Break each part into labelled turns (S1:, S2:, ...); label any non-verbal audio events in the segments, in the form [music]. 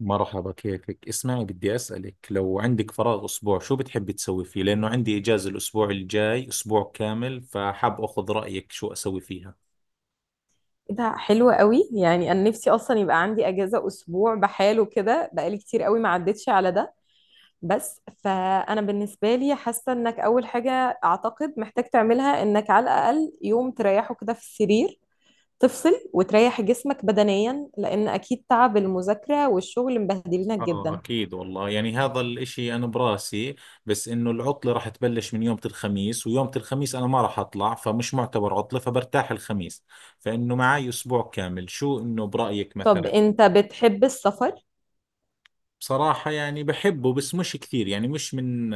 S1: مرحبا، كيفك؟ اسمعي، بدي أسألك، لو عندك فراغ أسبوع شو بتحبي تسوي فيه؟ لأنه عندي إجازة الأسبوع الجاي أسبوع كامل، فحاب أخذ رأيك شو أسوي فيها.
S2: إيه ده حلو قوي. يعني انا نفسي اصلا يبقى عندي اجازه اسبوع بحاله كده، بقالي كتير قوي ما عدتش على ده. بس فانا بالنسبه لي حاسه انك اول حاجه اعتقد محتاج تعملها انك على الاقل يوم تريحه كده في السرير، تفصل وتريح جسمك بدنيا، لان اكيد تعب المذاكره والشغل مبهدلينك
S1: آه
S2: جدا.
S1: أكيد والله، يعني هذا الإشي أنا براسي. بس إنه العطلة راح تبلش من يوم الخميس، ويوم الخميس أنا ما راح أطلع، فمش معتبر عطلة، فبرتاح الخميس. فإنه معي أسبوع كامل، شو إنه برأيك
S2: طب
S1: مثلا؟
S2: انت بتحب السفر؟
S1: بصراحة يعني بحبه، بس مش كثير، يعني مش من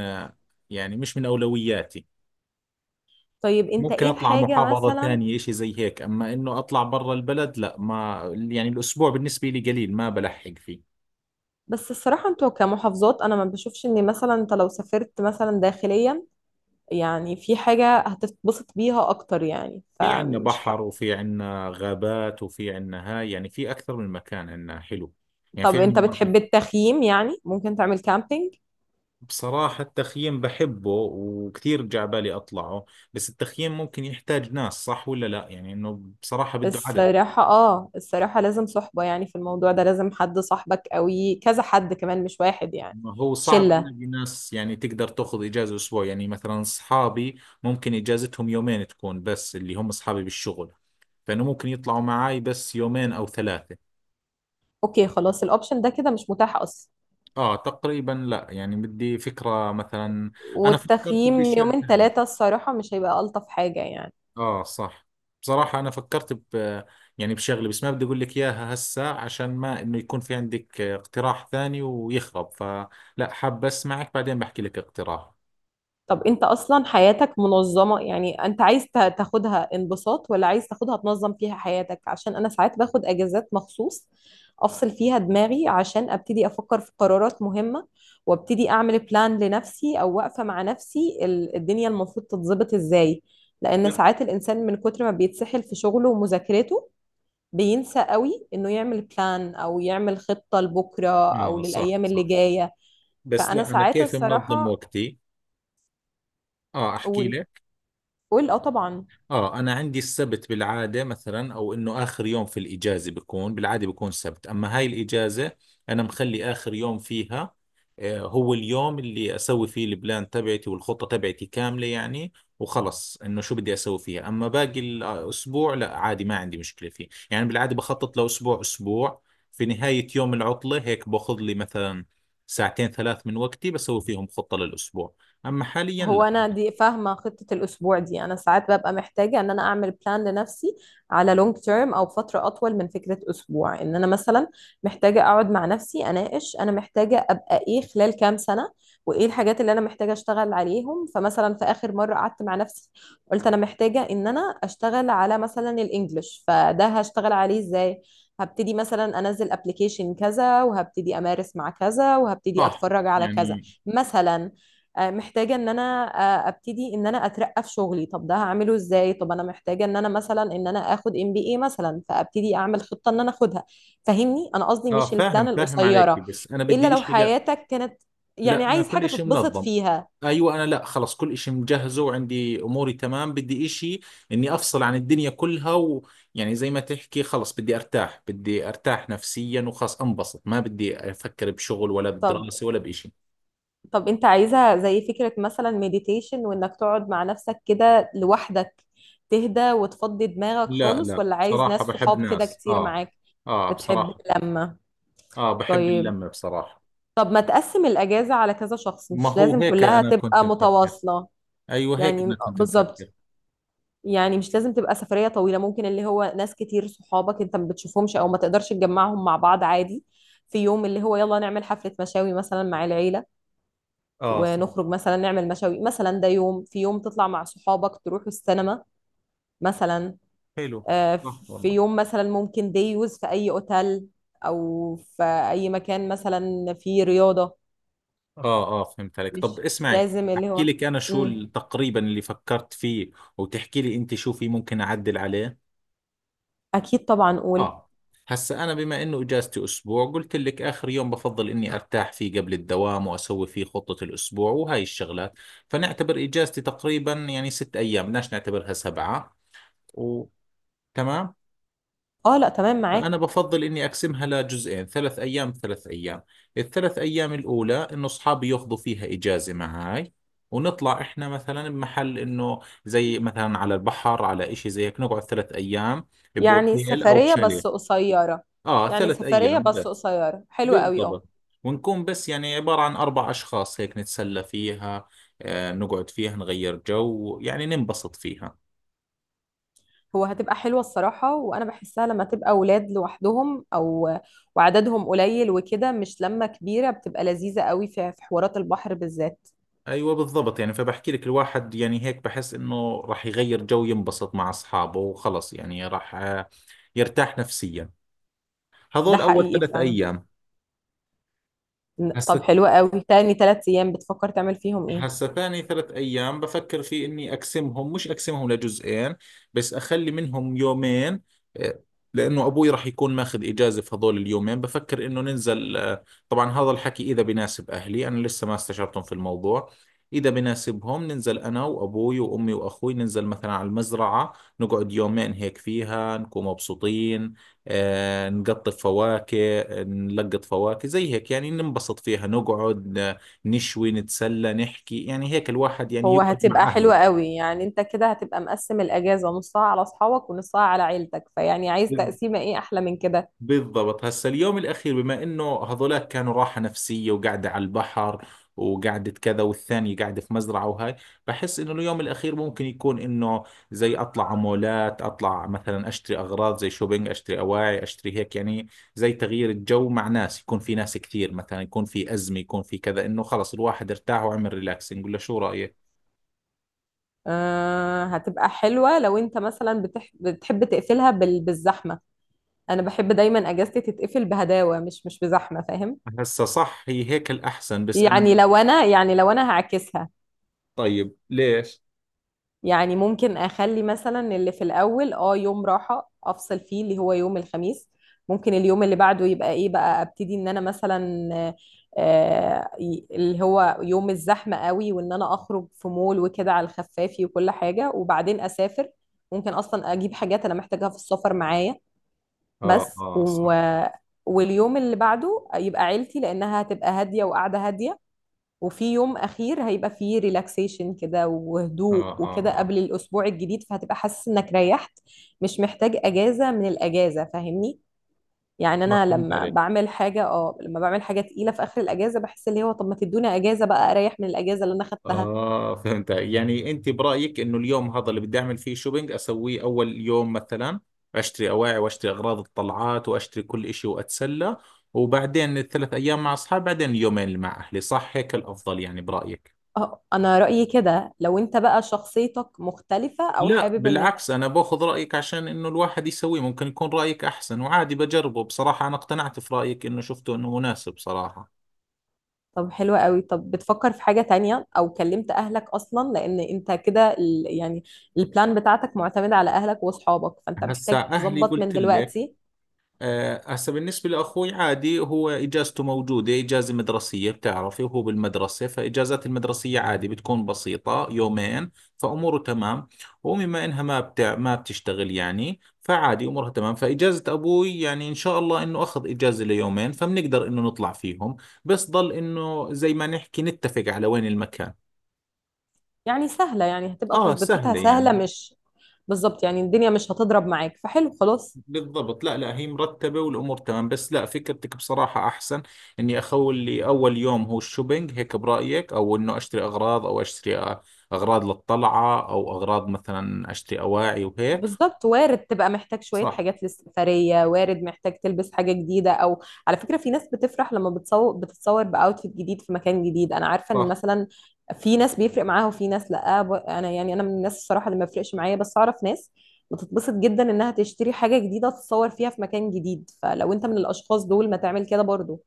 S1: يعني مش من أولوياتي.
S2: طيب انت
S1: ممكن
S2: ايه
S1: اطلع
S2: الحاجه
S1: محافظة
S2: مثلا؟
S1: ثانية، اشي زي هيك. اما انه اطلع برا البلد، لا، ما، يعني الاسبوع بالنسبة لي قليل، ما بلحق فيه.
S2: بس الصراحه انتوا كمحافظات انا ما بشوفش ان مثلا انت لو سافرت مثلا داخليا يعني في حاجة هتتبسط بيها أكتر، يعني
S1: في عندنا
S2: فمش
S1: بحر،
S2: حق.
S1: وفي عندنا غابات، وفي عندنا، هاي يعني في اكثر من مكان عندنا حلو، يعني في
S2: طب
S1: عندنا
S2: أنت
S1: مناطق.
S2: بتحب التخييم؟ يعني ممكن تعمل كامبينج.
S1: بصراحة التخييم بحبه، وكثير جعبالي اطلعه. بس التخييم ممكن يحتاج ناس، صح ولا لا؟ يعني انه بصراحة بده عدد.
S2: الصراحة لازم صحبة، يعني في الموضوع ده لازم حد صاحبك قوي، كذا حد كمان مش واحد يعني.
S1: ما هو صعب
S2: شلة.
S1: الاقي ناس يعني تقدر تاخذ اجازه اسبوع، يعني مثلا اصحابي ممكن اجازتهم يومين تكون، بس اللي هم اصحابي بالشغل، فانه ممكن يطلعوا معاي بس يومين او ثلاثه.
S2: أوكي، خلاص الأوبشن ده كده مش متاح أصلا.
S1: اه تقريبا لا، يعني بدي فكره مثلا. انا فكرت
S2: والتخييم
S1: بشيء
S2: يومين
S1: ثاني.
S2: ثلاثة الصراحة مش هيبقى ألطف حاجة يعني.
S1: اه صح. بصراحه انا فكرت ب، يعني بشغله، بس ما بدي اقول لك اياها هسه عشان ما انه يكون في عندك اقتراح ثاني ويخرب، فلا حاب اسمعك بعدين بحكي لك اقتراح.
S2: طب انت اصلا حياتك منظمة؟ يعني انت عايز تاخدها انبساط ولا عايز تاخدها تنظم فيها حياتك، عشان انا ساعات باخد اجازات مخصوص افصل فيها دماغي عشان ابتدي افكر في قرارات مهمة، وابتدي اعمل بلان لنفسي او واقفة مع نفسي الدنيا المفروض تتظبط ازاي. لان
S1: لا.
S2: ساعات الانسان من كتر ما بيتسحل في شغله ومذاكرته بينسى قوي انه يعمل بلان او يعمل خطة لبكرة، او
S1: اه صح
S2: للايام اللي
S1: صح.
S2: جاية.
S1: بس
S2: فانا
S1: لا، أنا
S2: ساعات
S1: كيف منظم
S2: الصراحة
S1: وقتي. آه أحكي
S2: اقول.
S1: لك.
S2: قول، اه طبعا.
S1: اه، انا عندي السبت بالعاده مثلا، او انه اخر يوم في الاجازه بكون بالعاده بكون سبت، اما هاي الاجازه انا مخلي اخر يوم فيها، آه، هو اليوم اللي اسوي فيه البلان تبعتي والخطه تبعتي كامله يعني. وخلص انه شو بدي اسوي فيها، اما باقي الاسبوع لا عادي، ما عندي مشكله فيه، يعني بالعاده بخطط لاسبوع اسبوع. في نهايه يوم العطله هيك باخذ لي مثلا ساعتين ثلاث من وقتي بسوي فيهم خطه للاسبوع، اما حاليا
S2: هو
S1: لا.
S2: انا دي فاهمه خطه الاسبوع دي، انا ساعات ببقى محتاجه ان انا اعمل بلان لنفسي على لونج تيرم، او فتره اطول من فكره اسبوع، ان انا مثلا محتاجه اقعد مع نفسي اناقش انا محتاجه ابقى ايه خلال كام سنه. وايه الحاجات اللي انا محتاجه اشتغل عليهم. فمثلا في اخر مره قعدت مع نفسي قلت انا محتاجه ان انا اشتغل على مثلا الانجليش، فده هشتغل عليه ازاي؟ هبتدي مثلا انزل ابلكيشن كذا، وهبتدي امارس مع كذا، وهبتدي
S1: صح
S2: اتفرج على كذا
S1: يعني.
S2: مثلا. محتاجة ان انا ابتدي ان انا اترقى في شغلي. طب ده هعمله ازاي؟ طب انا محتاجة ان انا مثلا ان انا اخد MBA مثلا، فابتدي اعمل خطة ان انا اخدها. فاهمني؟ انا قصدي
S1: اه
S2: مش
S1: فاهم
S2: البلان
S1: فاهم عليك،
S2: القصيرة،
S1: بس انا
S2: الا
S1: بدي
S2: لو
S1: اشي، لا.
S2: حياتك كانت يعني
S1: لا انا
S2: عايز
S1: كل
S2: حاجة
S1: اشي
S2: تتبسط
S1: منظم.
S2: فيها.
S1: ايوه، انا لا، خلص كل اشي مجهزه وعندي اموري تمام، بدي اشي اني افصل عن الدنيا كلها، ويعني زي ما تحكي خلص، بدي ارتاح نفسيا، وخلص انبسط، ما بدي افكر بشغل ولا
S2: طب
S1: بدراسة ولا باشي.
S2: طب انت عايزها زي فكرة مثلا مديتيشن وانك تقعد مع نفسك كده لوحدك تهدى وتفضي دماغك
S1: لا
S2: خالص،
S1: لا
S2: ولا عايز
S1: بصراحة
S2: ناس
S1: بحب
S2: صحاب كده
S1: ناس،
S2: كتير
S1: اه.
S2: معاك؟
S1: اه
S2: بتحب
S1: بصراحة.
S2: اللمة؟
S1: اه بحب
S2: طيب
S1: اللمة بصراحة.
S2: طب ما تقسم الأجازة على كذا شخص؟
S1: ما
S2: مش
S1: هو
S2: لازم
S1: هيك
S2: كلها
S1: انا كنت
S2: تبقى
S1: مفكر.
S2: متواصلة.
S1: ايوه هيك انا
S2: يعني
S1: كنت
S2: بالظبط.
S1: مفكر.
S2: يعني مش لازم تبقى سفرية طويلة، ممكن اللي هو ناس كتير صحابك انت ما بتشوفهمش او ما تقدرش تجمعهم مع بعض عادي. في يوم اللي هو يلا نعمل حفلة مشاوي مثلا مع العيلة،
S1: اه صح.
S2: ونخرج مثلا نعمل مشاوي مثلا. ده يوم، في يوم تطلع مع صحابك تروحوا السينما مثلا.
S1: حلو.
S2: آه،
S1: صح
S2: في
S1: والله.
S2: يوم مثلا ممكن ديوز في أي أوتيل، أو في أي مكان مثلا فيه رياضة.
S1: اه اه فهمت عليك. طب
S2: مش
S1: اسمعي،
S2: لازم اللي
S1: احكي
S2: هو.
S1: لك انا شو
S2: مم.
S1: تقريبا اللي فكرت فيه، وتحكي لي انت شو في ممكن اعدل عليه.
S2: اكيد طبعا، قول.
S1: اه. هسا انا بما انه اجازتي اسبوع، قلت لك اخر يوم بفضل اني ارتاح فيه قبل الدوام واسوي فيه خطة الاسبوع وهاي الشغلات، فنعتبر اجازتي تقريبا يعني 6 ايام، بدناش نعتبرها 7. وتمام.
S2: اه، لا، تمام
S1: فأنا
S2: معاك.
S1: بفضل إني أقسمها لجزئين، 3 أيام 3 أيام. الثلاث أيام الأولى إنه أصحابي ياخذوا فيها إجازة معاي، ونطلع إحنا مثلا بمحل إنه زي مثلا على البحر، على إشي زي هيك، نقعد 3 أيام
S2: يعني
S1: بأوتيل أو
S2: سفرية
S1: بشاليه.
S2: بس قصيرة
S1: آه
S2: يعني
S1: ثلاث
S2: سفرية
S1: أيام
S2: بس
S1: بس.
S2: قصيرة حلوة قوي اه.
S1: بالضبط. ونكون بس يعني عبارة عن 4 أشخاص، هيك نتسلى فيها، آه نقعد فيها نغير جو، يعني ننبسط فيها.
S2: هو هتبقى حلوة الصراحة، وانا بحسها لما تبقى اولاد لوحدهم وعددهم قليل وكده، مش لما كبيرة، بتبقى لذيذة قوي في حوارات البحر بالذات.
S1: ايوه بالضبط، يعني فبحكي لك الواحد يعني هيك بحس انه راح يغير جو، ينبسط مع اصحابه وخلص، يعني راح، آه، يرتاح نفسيا.
S2: ده
S1: هذول اول
S2: حقيقي
S1: ثلاث
S2: فعلا.
S1: ايام
S2: طب
S1: هسه.
S2: حلوة قوي. تاني 3 ايام بتفكر تعمل فيهم ايه؟
S1: هسا ثاني 3 أيام بفكر في إني أقسمهم، مش أقسمهم لجزئين، بس أخلي منهم يومين، آه، لأنه أبوي راح يكون ماخذ إجازة في هذول اليومين، بفكر إنه ننزل، آه، طبعا هذا الحكي إذا بناسب أهلي، أنا لسه ما استشرتهم في الموضوع. إذا بناسبهم ننزل أنا وأبوي وأمي وأخوي، ننزل مثلا على المزرعة، نقعد يومين هيك فيها، نكون مبسوطين، آه، نقطف فواكه، نلقط فواكه زي هيك، يعني ننبسط فيها، نقعد نشوي، نتسلى، نحكي، يعني هيك الواحد يعني
S2: هو
S1: يقعد
S2: هتبقى
S1: مع
S2: حلوة
S1: أهله.
S2: قوي، يعني انت كده هتبقى مقسم الاجازة نصها على اصحابك ونصها على عيلتك، فيعني عايز تقسيمة ايه احلى من كده؟
S1: بالضبط. هسا اليوم الأخير، بما إنه هذولاك كانوا راحة نفسية وقاعدة على البحر وقعدة كذا، والثانية قاعدة في مزرعة وهاي، بحس إنه اليوم الأخير ممكن يكون إنه زي أطلع على مولات، أطلع مثلا أشتري أغراض، زي شوبينج، أشتري أواعي، أشتري هيك يعني، زي تغيير الجو مع ناس، يكون في ناس كثير، مثلا يكون في أزمة، يكون في كذا، إنه خلص الواحد ارتاح وعمل ريلاكسنج، ولا شو رأيك؟
S2: هتبقى حلوة لو انت مثلا بتحب تقفلها بالزحمة. انا بحب دايما اجازتي تتقفل بهداوة، مش بزحمة، فاهم؟
S1: هسا صح، هي هيك الأحسن، بس أنا.
S2: يعني لو انا هعكسها.
S1: طيب ليش؟
S2: يعني ممكن اخلي مثلا اللي في الاول يوم راحه افصل فيه اللي هو يوم الخميس. ممكن اليوم اللي بعده يبقى ايه بقى، ابتدي ان انا مثلا اللي هو يوم الزحمه قوي، وان انا اخرج في مول وكده على الخفافي وكل حاجه وبعدين اسافر. ممكن اصلا اجيب حاجات انا محتاجاها في السفر معايا.
S1: اه
S2: بس
S1: اه صح.
S2: واليوم اللي بعده يبقى عيلتي، لانها هتبقى هاديه وقاعده هاديه. وفي يوم اخير هيبقى فيه ريلاكسيشن كده
S1: اه
S2: وهدوء
S1: اه
S2: وكده
S1: اه.
S2: قبل الاسبوع الجديد، فهتبقى حاسس انك ريحت، مش محتاج اجازه من الاجازه، فاهمني؟ يعني
S1: آه،
S2: انا
S1: فهمت عليك.
S2: لما بعمل حاجه تقيله في اخر الاجازه بحس اللي هو طب ما تدوني اجازه بقى اريح من الاجازه اللي انا خدتها.
S1: اه فهمت، يعني انت برأيك انه اليوم هذا اللي بدي اعمل فيه شوبينج اسويه اول يوم مثلا، اشتري اواعي، واشتري اغراض الطلعات، واشتري كل اشي، واتسلى، وبعدين ال3 ايام مع اصحابي، بعدين اليومين اللي مع اهلي، صح هيك الافضل يعني برأيك؟
S2: اه، انا رايي كده، لو انت بقى شخصيتك مختلفه او
S1: لا
S2: حابب انك.
S1: بالعكس، انا باخذ رأيك عشان انه الواحد يسويه، ممكن يكون رأيك احسن، وعادي بجربه، بصراحة انا اقتنعت في رأيك، انه شفته انه مناسب صراحة.
S2: طب حلوة قوي. طب بتفكر في حاجة تانية او كلمت اهلك اصلا، لان انت كده يعني البلان بتاعتك معتمدة على اهلك واصحابك، فانت
S1: هسا
S2: محتاج
S1: اهلي
S2: تظبط من
S1: قلت لك،
S2: دلوقتي.
S1: آه، هسه بالنسبة لأخوي عادي، هو إجازته موجودة، إجازة مدرسية بتعرفي، وهو بالمدرسة، فإجازات المدرسية عادي بتكون بسيطة يومين، فأموره تمام. وبما إنها ما بتشتغل يعني، فعادي أمورها تمام، فإجازة أبوي يعني إن شاء الله إنه أخذ إجازة ليومين، فبنقدر إنه نطلع فيهم، بس ضل إنه زي ما نحكي نتفق على وين المكان.
S2: يعني سهلة، يعني هتبقى
S1: آه
S2: تظبطتها
S1: سهلة
S2: سهلة،
S1: يعني.
S2: مش. بالظبط، يعني الدنيا مش هتضرب معاك، فحلو خلاص.
S1: بالضبط. لا لا هي مرتبة والأمور تمام، بس لا فكرتك بصراحة أحسن، إني أخول لي أول يوم هو الشوبينج هيك برأيك، أو إنه أشتري أغراض، أو أشتري أغراض للطلعة، أو أغراض مثلا أشتري أواعي وهيك.
S2: بالظبط، وارد تبقى محتاج شوية
S1: صح
S2: حاجات للسفرية، وارد محتاج تلبس حاجة جديدة أو. على فكرة، في ناس بتفرح لما بتتصور بأوتفيت جديد في مكان جديد، أنا عارفة إن
S1: صح.
S2: مثلا في ناس بيفرق معاها وفي ناس لأ، أنا يعني أنا من الناس الصراحة اللي ما بيفرقش معايا، بس أعرف ناس بتتبسط جدا إنها تشتري حاجة جديدة تتصور فيها في مكان جديد، فلو أنت من الأشخاص دول ما تعمل كده برضو.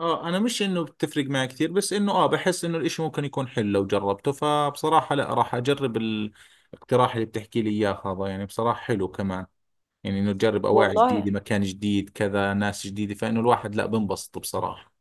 S1: آه أنا مش إنه بتفرق معي كثير، بس إنه، آه، بحس إنه الإشي ممكن يكون حلو لو جربته، فبصراحة لا راح أجرب الاقتراح اللي بتحكي لي إياه هذا، يعني بصراحة حلو كمان، يعني إنه تجرب أواعي
S2: والله،
S1: جديدة، مكان جديد، كذا، ناس جديدة، فإنه الواحد لا بنبسط بصراحة.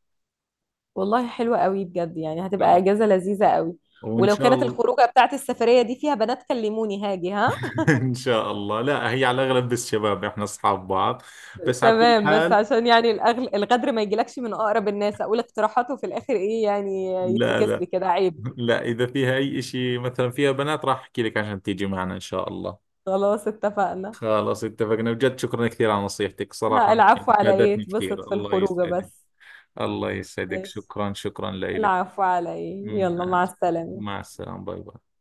S2: والله حلوة قوي بجد، يعني هتبقى
S1: خلص.
S2: إجازة لذيذة قوي.
S1: وإن
S2: ولو
S1: شاء
S2: كانت
S1: الله.
S2: الخروجة بتاعت السفرية دي فيها بنات كلموني هاجي، ها.
S1: [laughs] إن شاء الله، لا هي على الأغلب بس شباب، إحنا أصحاب بعض، بس على كل
S2: تمام، بس
S1: حال.
S2: عشان يعني الغدر ما يجيلكش من أقرب الناس، أقول اقتراحاته في الآخر إيه؟ يعني
S1: لا
S2: يتفكس لي
S1: لا
S2: كده عيب.
S1: لا. إذا فيها أي إشي مثلا، فيها بنات، راح أحكي لك عشان تيجي معنا إن شاء الله.
S2: خلاص، اتفقنا.
S1: خلاص اتفقنا، بجد شكرا كثير على نصيحتك صراحة،
S2: لا، العفو على إيه،
S1: فادتني
S2: اتبسط
S1: كثير،
S2: في
S1: الله
S2: الخروجة
S1: يسعدك.
S2: بس.
S1: الله يسعدك،
S2: ماشي.
S1: شكرا شكرا لك.
S2: العفو على إيه، يلا
S1: مع
S2: مع السلامة.
S1: مع السلامة، باي باي.